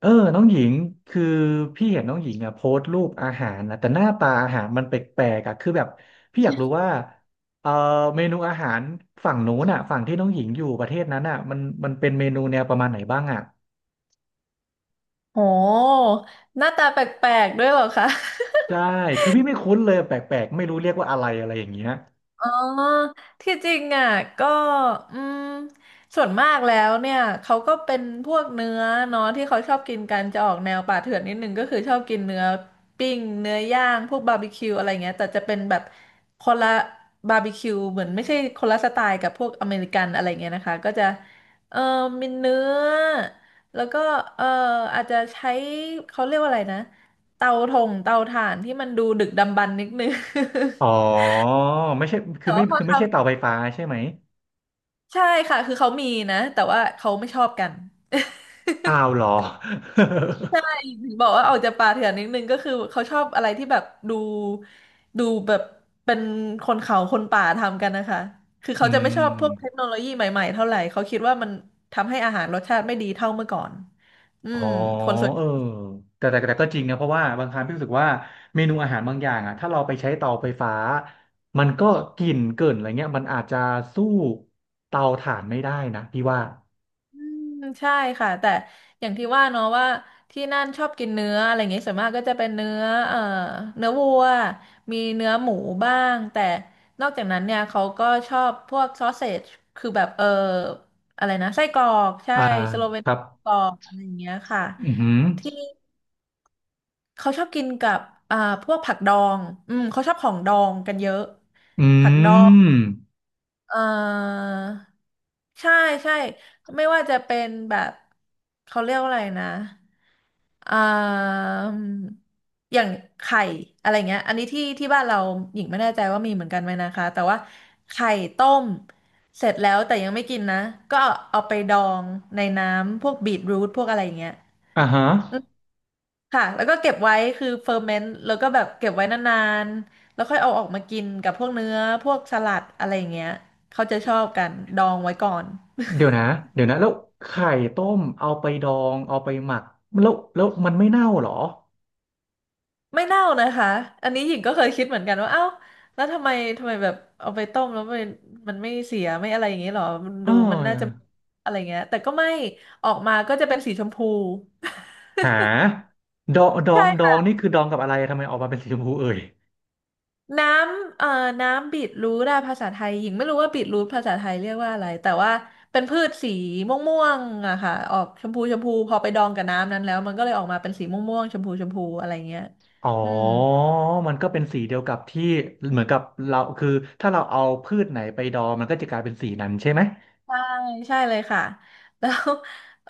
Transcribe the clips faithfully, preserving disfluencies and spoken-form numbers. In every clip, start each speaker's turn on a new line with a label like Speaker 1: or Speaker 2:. Speaker 1: เออน้องหญิงคือพี่เห็นน้องหญิงอ่ะโพสต์รูปอาหารนะแต่หน้าตาอาหารมันแปลกๆอ่ะคือแบบพี่อยากรู้ว่าเออเมนูอาหารฝั่งนู้นอ่ะฝั่งที่น้องหญิงอยู่ประเทศนั้นอ่ะมันมันเป็นเมนูแนวประมาณไหนบ้างอ่ะ
Speaker 2: โหหน้าตาแปลกๆด้วยเหรอคะ อ
Speaker 1: ใช่คือพี่ไม่คุ้นเลยแปลกๆไม่รู้เรียกว่าอะไรอะไรอย่างเงี้ย
Speaker 2: อ๋อที่จริงอ่ะก็อืมส่วนมากแล้วเนี่ยเขาก็เป็นพวกเนื้อเนาะที่เขาชอบกินกันจะออกแนวป่าเถื่อนนิดนึงก็คือชอบกินเนื้อปิ้งเนื้อย่างพวกบาร์บีคิวอะไรเงี้ยแต่จะเป็นแบบคนละบาร์บีคิวเหมือนไม่ใช่คนละสไตล์กับพวกอเมริกันอะไรเงี้ยนะคะก็จะเออมีเนื้อแล้วก็เอออาจจะใช้เขาเรียกว่าอะไรนะเตาถงเตาถ่านที่มันดูดึกดำบรรพ์นิดนึง
Speaker 1: อ๋อไม่ใช่คือ
Speaker 2: แต่
Speaker 1: ไม่
Speaker 2: ว่าพอ
Speaker 1: คือไม่ใช่เตา
Speaker 2: ทำ
Speaker 1: ไฟฟ้าใช่ไหม
Speaker 2: ใช่ค่ะคือเขามีนะแต่ว่าเขาไม่ชอบกัน
Speaker 1: อ้าวเหรอ
Speaker 2: ใช่ถึงบอกว่าออกจากป่าเถื่อนนิดนึงก็คือเขาชอบอะไรที่แบบดูดูแบบเป็นคนเขาคนป่าทำกันนะคะคือ
Speaker 1: อื
Speaker 2: เขาจะไม่ชอบพวกเทค
Speaker 1: ม
Speaker 2: โนโลยีใหม่ๆเท่าไหร่เขาคิดว่ามันทำให้อาหารรสชาติไม่ดีเท่าเมื่อก่อนอื
Speaker 1: อ๋อ
Speaker 2: มคนส่วน
Speaker 1: เออแต่แต่แต่ก็จริงนะเพราะว่าบางครั้งพี่รู้สึกว่าเมนูอาหารบางอย่างอ่ะถ้าเราไปใช้เตาไฟฟ้ามันก็กลิ่นเกินอะไรเงี้ยมันอาจจะสู้เตาถ่านไม่ได้นะพี่ว่า
Speaker 2: อืมใช่ค่ะแต่อย่างที่ว่าเนาะว่าที่นั่นชอบกินเนื้ออะไรอย่างเงี้ยส่วนมากก็จะเป็นเนื้อเอ่อเนื้อวัวมีเนื้อหมูบ้างแต่นอกจากนั้นเนี่ยเขาก็ชอบพวกซอสเซจคือแบบเอออะไรนะไส้กรอกใช่
Speaker 1: อ่า
Speaker 2: สโลเวน
Speaker 1: ครับ
Speaker 2: ไส้กรอกอะไรอย่างเงี้ยค่ะ
Speaker 1: อือหือ
Speaker 2: ที่เขาชอบกินกับอ่าพวกผักดองอืมเขาชอบของดองกันเยอะ
Speaker 1: อื
Speaker 2: ผักดอง
Speaker 1: ม
Speaker 2: เออใช่ใช่ไม่ว่าจะเป็นแบบเขาเรียกว่าอะไรนะอ่ามอย่างไข่อะไรเงี้ยอันนี้ที่ที่บ้านเราหญิงไม่แน่ใจว่ามีเหมือนกันไหมนะคะแต่ว่าไข่ต้มเสร็จแล้วแต่ยังไม่กินนะก็เอาไปดองในน้ำพวกบีทรูทพวกอะไรอย่างเงี้ย
Speaker 1: อ่าฮะ
Speaker 2: ค่ะแล้วก็เก็บไว้คือเฟอร์เมนต์แล้วก็แบบเก็บไว้นานๆแล้วค่อยเอาออกมากินกับพวกเนื้อพวกสลัดอะไรอย่างเงี้ยเขาจะชอบกันดองไว้ก่อน
Speaker 1: เดี๋ยวนะเดี๋ยวนะแล้วไข่ต้มเอาไปดองเอาไปหมักแล้วแล้วมันไม่เน่าเหรอ
Speaker 2: ไม่เน่านะคะอันนี้หญิงก็เคยคิดเหมือนกันว่าเอ้าแล้วทำไมทำไมแบบเอาไปต้มแล้วมันมันไม่เสียไม่อะไรอย่างเงี้ยหรอมัน
Speaker 1: เ
Speaker 2: ดูมันน่าจะ
Speaker 1: ออ
Speaker 2: อะไรเงี้ยแต่ก็ไม่ออกมาก็จะเป็นสีชมพู
Speaker 1: หาดองดอ
Speaker 2: ใช่
Speaker 1: งดอง
Speaker 2: ค่ะ
Speaker 1: นี่คือดองกับอะไรทำไมออกมาเป็นสีชมพูเอ่ย
Speaker 2: น้ำเอ่อน้ำบีทรูทอะภาษาไทยหญิงไม่รู้ว่าบีทรูทภาษาไทยเรียกว่าอะไรแต่ว่าเป็นพืชสีม่วงๆอะค่ะออกชมพูชมพูพอไปดองกับน้ำนั้นแล้วมันก็เลยออกมาเป็นสีม่วงๆชมพูชมพูอะไรเงี้ย
Speaker 1: อ๋อ
Speaker 2: อืม
Speaker 1: มันก็เป็นสีเดียวกับที่เหมือนกับเราคือถ้าเราเอาพืชไหนไปดองมันก็จะกลายเป็นสีนั้นใช่ไหม
Speaker 2: ใช่ใช่เลยค่ะ แล้ว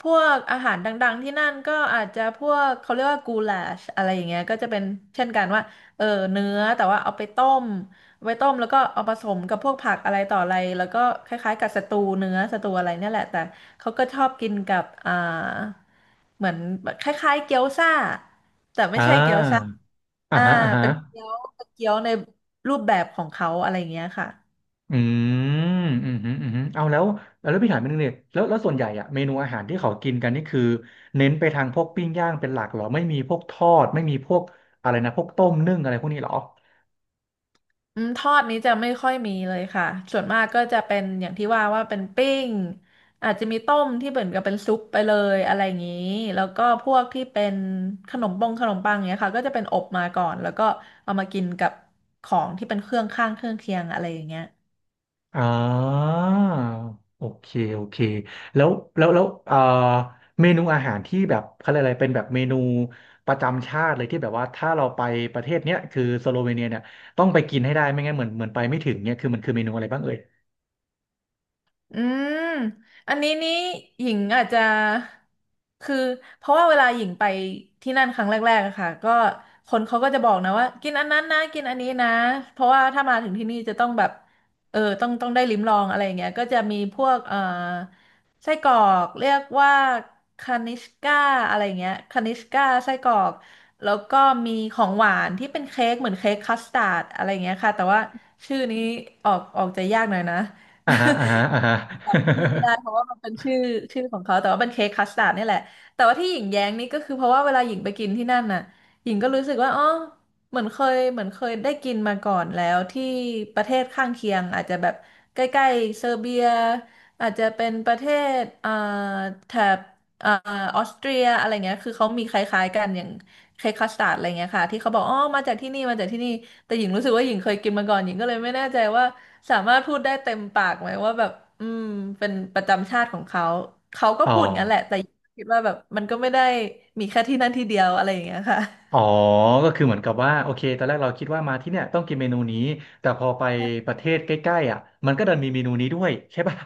Speaker 2: พวกอาหารดังๆที่นั่นก็อาจจะพวกเขาเรียกว่ากูลาชอะไรอย่างเงี้ยก็จะเป็นเช่นกันว่าเออเนื้อแต่ว่าเอาไปต้มเอาไปต้มแล้วก็เอาผสมกับพวกผักอะไรต่ออะไรแล้วก็คล้ายๆกับสตูเนื้อสตูอะไรเนี่ยแหละแต่เขาก็ชอบกินกับอ่าเหมือนคล้ายๆเกี๊ยวซ่าแต่ไม่
Speaker 1: อ่
Speaker 2: ใช่เกี๊ยวซ่า
Speaker 1: าอ่า
Speaker 2: อ่า
Speaker 1: ฮะอ่าฮะ
Speaker 2: เป็นเกี๊ยวเป็นเกี๊ยวในรูปแบบของเขาอะไรอย่างเงี้ยค่ะ
Speaker 1: อืมอืมอืมอืมเอาแล้วแล้วพี่ถามนิดนึงเนี่ยแล้วแล้วส่วนใหญ่อะเมนูอาหารที่เขากินกันนี่คือเน้นไปทางพวกปิ้งย่างเป็นหลักเหรอไม่มีพวกทอดไม่มีพวกอะไรนะพวกต้มนึ่งอะไรพวกนี้เหรอ
Speaker 2: อืมทอดนี้จะไม่ค่อยมีเลยค่ะ ส่วนมากก็จะเป็นอย่างที่ว่าว่าเป็นปิ้งอาจจะมีต้มที่เหมือนกับเป็นซุปไปเลยอะไรอย่างนี้แล้วก็พวกที่เป็นขนมปงขนมปังเนี้ยค่ะ ก็จะเป็นอบมาก่อนแล้วก็เอามากินกับของที่เป็นเครื่องข้างเครื่องเคียงอะไรอย่างเงี้ย
Speaker 1: อ่าโอเคโอเคแล้วแล้วแล้วเอ่อเมนูอาหารที่แบบเขาเรียกอะไรเป็นแบบเมนูประจำชาติเลยที่แบบว่าถ้าเราไปประเทศเนี้ยคือสโลเวเนียเนี่ยต้องไปกินให้ได้ไม่งั้นเหมือนเหมือนไปไม่ถึงเนี่ยคือมันคือเมนูอะไรบ้างเอ่ย
Speaker 2: อืมอันนี้นี่หญิงอาจจะคือเพราะว่าเวลาหญิงไปที่นั่นครั้งแรกๆอะค่ะก็คนเขาก็จะบอกนะว่ากินอันนั้นนะกินอันนี้นะเพราะว่าถ้ามาถึงที่นี่จะต้องแบบเออต้องต้องได้ลิ้มลองอะไรอย่างเงี้ยก็จะมีพวกเอ่อไส้กรอกเรียกว่าคานิชก้าอะไรอย่างเงี้ยคานิชก้าไส้กรอกแล้วก็มีของหวานที่เป็นเค้กเหมือนเค้กคัสตาร์ดอะไรอย่างเงี้ยค่ะแต่ว่าชื่อนี้ออกออกจะยากหน่อยนะ
Speaker 1: อ่าฮะอ่าฮะอ่าฮะ
Speaker 2: จำชื่อไม่ได้เพราะว่ามันเป็นชื่อชื่อของเขาแต่ว่าเป็นเค้กคัสตาร์ดนี่แหละแต่ว่าที่หญิงแย้งนี่ก็คือเพราะว่าเวลาหญิงไปกินที่นั่นน่ะหญิงก็รู้สึกว่าอ๋อเหมือนเคยเหมือนเคยได้กินมาก่อนแล้วที่ประเทศข้างเคียงอาจจะแบบใกล้ๆเซอร์เบียอาจจะเป็นประเทศเอ่อแถบ เอ่อออสเตรียอะไรเงี้ยคือเขามีคล้ายๆกันอย่างเค้กคัสตาร์ดอะไรเงี้ยค่ะที่เขาบอกอ๋อมาจากที่นี่มาจากที่นี่แต่หญิงรู้สึกว่าหญิงเคยกินมาก่อนหญิงก็เลยไม่แน่ใจว่าสามารถพูดได้เต็มปากไหมว่าแบบอืมเป็นประจำชาติของเขาเขาก็
Speaker 1: อ๋อ
Speaker 2: พูดงั้นแหละแต่หญิงคิดว่าแบบมันก็ไม่ได้มีแค่ที่นั่นที่เดียวอะไรอย่างเงี้ยค่ะ
Speaker 1: อ๋อก็คือเหมือนกับว่าโอเคตอนแรกเราคิดว่ามาที่เนี่ยต้องกินเมนูนี้แต่พอไปประเทศใกล้ๆอ่ะมันก็ดันมีเมนูนี้ด้วยใช่ป่ะ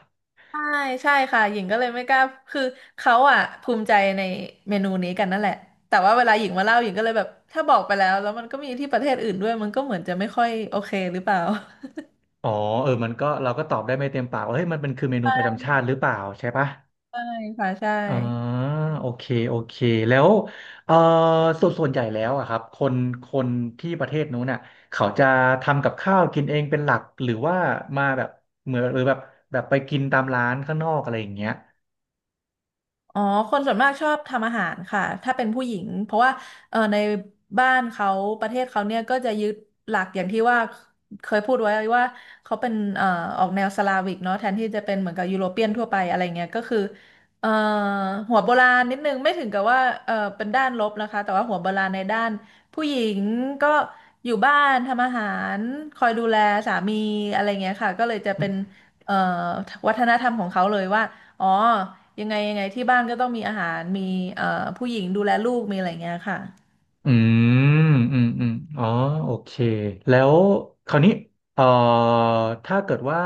Speaker 2: ใช่ใช่ค่ะหญิงก็เลยไม่กล้าคือเขาอ่ะภูมิใจในเมนูนี้กันนั่นแหละแต่ว่าเวลาหญิงมาเล่าหญิงก็เลยแบบถ้าบอกไปแล้วแล้วมันก็มีที่ประเทศอื่นด้วยมันก็เหมือนจะไม่ค่อยโอเคหรือเปล่า
Speaker 1: อ๋อเออมันก็เราก็ตอบได้ไม่เต็มปากว่าเฮ้ยมันเป็นคือเมนูประจำ ชาติหรือเปล่าใช่ปะ
Speaker 2: ใช่ค่ะใช่
Speaker 1: อ่าโอเคโอเคแล้วเออส่วนส่วนใหญ่แล้วอะครับคนคนที่ประเทศนู้นน่ะเขาจะทำกับข้าวกินเองเป็นหลักหรือว่ามาแบบเหมือนหรือแบบแบบไปกินตามร้านข้างนอกอะไรอย่างเงี้ย
Speaker 2: อ๋อคนส่วนมากชอบทำอาหารค่ะถ้าเป็นผู้หญิงเพราะว่าเออในบ้านเขาประเทศเขาเนี่ยก็จะยึดหลักอย่างที่ว่าเคยพูดไว้ว่าเขาเป็นเอ่อออกแนวสลาวิกเนาะแทนที่จะเป็นเหมือนกับยุโรเปียนทั่วไปอะไรเงี้ยก็คือเอ่อหัวโบราณนิดนึงไม่ถึงกับว่าเออเป็นด้านลบนะคะแต่ว่าหัวโบราณในด้านผู้หญิงก็อยู่บ้านทำอาหารคอยดูแลสามีอะไรเงี้ยค่ะก็เลยจะเป็นเอ่อวัฒนธรรมของเขาเลยว่าอ๋อ ยังไงยังไงที่บ้านก็ต้องมีอาหารมีเอ่อผู้หญิงดูแลลูกมีอะไรเงี้ยค่ะ
Speaker 1: อืมอืมอืมอ๋อโอเค แล้วคราวนี้เอ่อถ้าเกิดว่า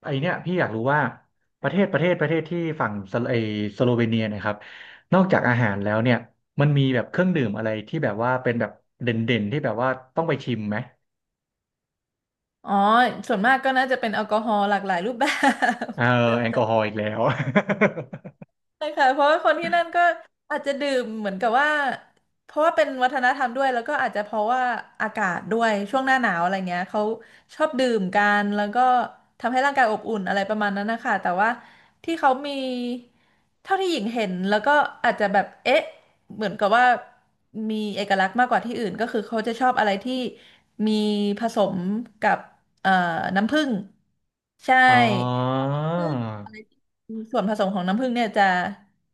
Speaker 1: ไอเนี้ยพี่อยากรู้ว่าประเทศประเทศประเทศที่ฝั่งสโลไอสโลเวเนียเนะครับนอกจากอาหารแล้วเนี่ยมันมีแบบเครื่องดื่มอะไรที่แบบว่าเป็นแบบเด่นเด่นที่แบบว่าต้องไปชิมไหม
Speaker 2: อ๋อส่วนมากก็น่าจะเป็นแอลกอฮอล์หลากหลายรูปแบบ
Speaker 1: เออแอลกอฮอล์อีกแล้ว
Speaker 2: ใช่ค่ะเพราะว่าคนที่นั่นก็อาจจะดื่มเหมือนกับว่าเพราะว่าเป็นวัฒนธรรมด้วยแล้วก็อาจจะเพราะว่าอากาศด้วยช่วงหน้าหนาวอะไรเงี้ยเขาชอบดื่มกันแล้วก็ทำให้ร่างกายอบอุ่นอะไรประมาณนั้นนะคะแต่ว่าที่เขามีเท่าที่หญิงเห็นแล้วก็อาจจะแบบเอ๊ะเหมือนกับว่ามีเอกลักษณ์มากกว่าที่อื่นก็คือเขาจะชอบอะไรที่มีผสมกับเอ่อน้ำผึ้งใช่
Speaker 1: อ๋อ
Speaker 2: ซึ่งอะไรที่ส่วนผสมของน้ำผึ้งเนี่ยจะ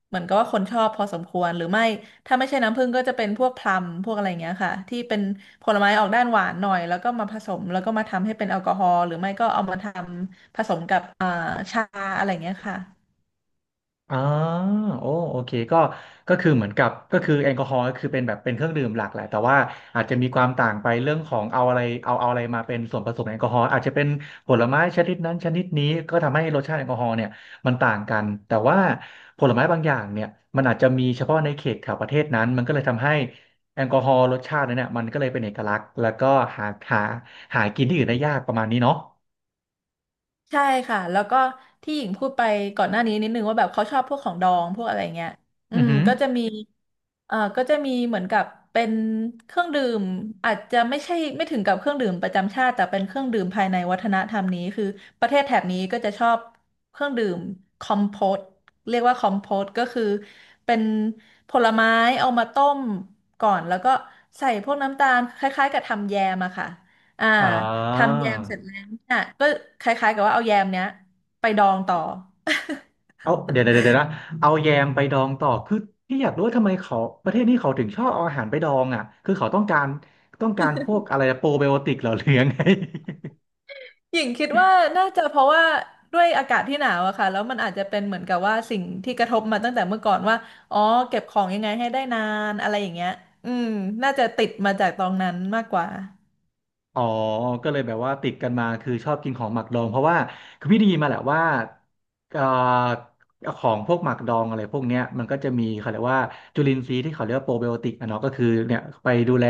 Speaker 2: เหมือนกับว่าคนชอบพอสมควรหรือไม่ถ้าไม่ใช่น้ำผึ้งก็จะเป็นพวกพลัมพวกอะไรอย่างเงี้ยค่ะที่เป็นผลไม้ออกด้านหวานหน่อยแล้วก็มาผสมแล้วก็มาทำให้เป็นแอลกอฮอล์หรือไม่ก็เอามาทำผสมกับอ่าชาอะไรอย่างเงี้ยค่ะ
Speaker 1: อ๋อโอ้โอเคก็ก็คือเหมือนกับก็คือแอลกอฮอล์ก็คือเป็นแบบเป็นเครื่องดื่มหลักแหละแต่ว่าอาจจะมีความต่างไปเรื่องของเอาอะไรเอาเอาอะไรมาเป็นส่วนผสมแอลกอฮอล์อาจจะเป็นผลไม้ชนิดนั้นชนิดนี้ ก็ทำให้รสชาติแอลกอฮอล์เนี่ยมันต่างกันแต่ว่าผลไม้บางอย่างเนี่ยมันอาจจะมีเฉพาะในเขตแถวประเทศนั้นมันก็เลยทำให้แอลกอฮอล์รสชาตินั้นเนี่ยมันก็เลยเป็นเอกลักษณ์แล้วก็หาหาหากินที่อื่นได้ยากประมาณนี้เนาะ
Speaker 2: ใช่ค่ะแล้วก็ที่หญิงพูดไปก่อนหน้านี้นิดนึงว่าแบบเขาชอบพวกของดองพวกอะไรเงี้ยอื
Speaker 1: อือ
Speaker 2: ม
Speaker 1: หือ
Speaker 2: ก็จะมีเอ่อก็จะมีเหมือนกับเป็นเครื่องดื่มอาจจะไม่ใช่ไม่ถึงกับเครื่องดื่มประจำชาติแต่เป็นเครื่องดื่มภายในวัฒนธรรมนี้คือประเทศแถบนี้ก็จะชอบเครื่องดื่มคอมโพตเรียกว่าคอมโพตก็คือเป็นผลไม้เอามาต้มก่อนแล้วก็ใส่พวกน้ำตาลคล้ายๆกับทำแยมอะค่ะ อ่า
Speaker 1: อ่า
Speaker 2: ทำแยมเสร็จแล้วเนี่ยก็คล้ายๆกับว่าเอาแยมเนี้ยไปดองต่อ
Speaker 1: เอาเดี๋ยวเดี๋ยวเดี๋ยวนะเอาแยมไปดองต่อคือพี่อยากรู้ว่าทำไมเขาประเทศนี้เขาถึงชอบเอาอาหารไปดองอ่ะคือเขาต้องการต้องการพวกอะไรโปรไบโอติกเหรอหรือยังไง
Speaker 2: หญิงคิดว่าน่าจะเพราะว่าด้วยอากาศที่หนาวอะค่ะแล้วมันอาจจะเป็นเหมือนกับว่าสิ่งที่กระทบมาตั้งแต่เมื่อก่อนว่าอ๋อเก็บของยังไงให้ได้นานอะไรอย่างเงี้ยอืมน่าจะติดมาจากตอนนั้นมากกว่า
Speaker 1: อ๋อก็เลยแบบว่าติดกันมาคือชอบกินของหมักดองเพราะว่าคือพี่ได้ยินมาแหละว่าเอ่อของพวกหมักดองอะไรพวกเนี้ยมันก็จะมีเขาเรียกว่าจุลินทรีย์ที่เขาเรียกว่าโปรไบโอติกอะเนาะก็คือเนี่ยไปดูแล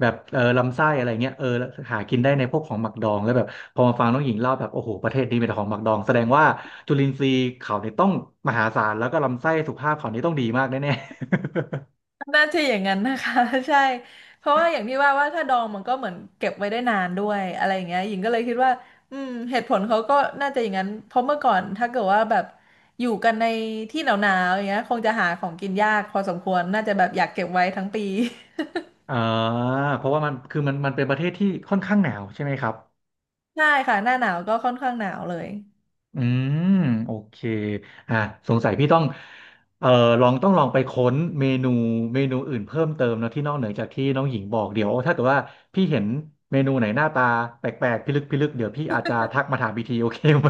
Speaker 1: แบบเออลำไส้อะไรเงี้ยเออหากินได้ในพวกของหมักดองแล้วแบบพอมาฟังน้องหญิงเล่าแบบโอ้โหประเทศนี้มีแต่ของหมักดองแสดงว่าจุลินทรีย์เขาเนี่ยต้องมหาศาลแล้วก็ลำไส้สุขภาพเขานี่ต้องดีมากแน่
Speaker 2: น่าจะอย่างนั้นนะคะ ใช่เพราะว่าอย่างที่ว่าว่าถ้าดองมันก็เหมือนเก็บไว้ได้นานด้วยอะไรอย่างเงี้ยหญิงก็เลยคิดว่าอืมเหตุผลเขาก็น่าจะอย่างนั้นเพราะเมื่อก่อนถ้าเกิดว่าแบบอยู่กันในที่หนาวๆอย่างเงี้ยคงจะหาของกินยากพอสมควรน่าจะแบบอยากเก็บไว้ทั้งปี
Speaker 1: ๆ อ่าเพราะว่ามันคือมันมันเป็นประเทศที่ค่อนข้างหนาวใช่ไหมครับ
Speaker 2: ใช่ค่ะหน้าหนาวก็ค่อนข้างหนาวเลย
Speaker 1: อืมโอเคอ่ะสงสัยพี่ต้องเอ่อลองต้องลองไปค้นเมนูเมนูอื่นเพิ่มเติมเนอะที่นอกเหนือจากที่น้องหญิงบอกเดี๋ยวถ้าเกิดว่าพี่เห็นเมนูไหนหน้าตาแปลกๆพิลึกพิลึกเดี๋ยวพี่อาจจะทักมาถามพี่ทีโอเคไหม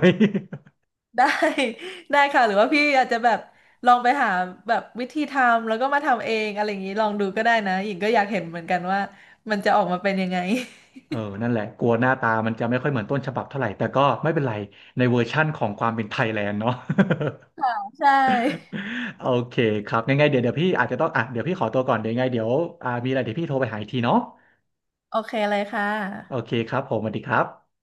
Speaker 2: ได้ ได้ค่ะหรือว่าพี่อาจจะแบบลองไปหาแบบวิธีทำแล้วก็มาทำเองอะไรอย่างนี้ลองดูก็ได้นะหญิงก็อยากเห็นเหมือนกันว่ามันจะออกมาเป็นยังไง
Speaker 1: เออนั่นแหละกลัวหน้าตามันจะไม่ค่อยเหมือนต้นฉบับเท่าไหร่แต่ก็ไม่เป็นไรในเวอร์ชั่นของความเป็นไทยแลนด์เนาะ
Speaker 2: ใช่
Speaker 1: โอเคครับยังไงเดี๋ยวเดี๋ยวพี่อาจจะต้องอ่ะเดี๋ยวพี่ขอตัวก่อนเดี๋ยวยังไงเดี๋ยวอ่ามีอะไรเดี๋ยวพี่โทรไปหาอีกทีเนาะ
Speaker 2: โอเคเลยค่
Speaker 1: โอ
Speaker 2: ะ
Speaker 1: เคครับผมสวัสดีครับ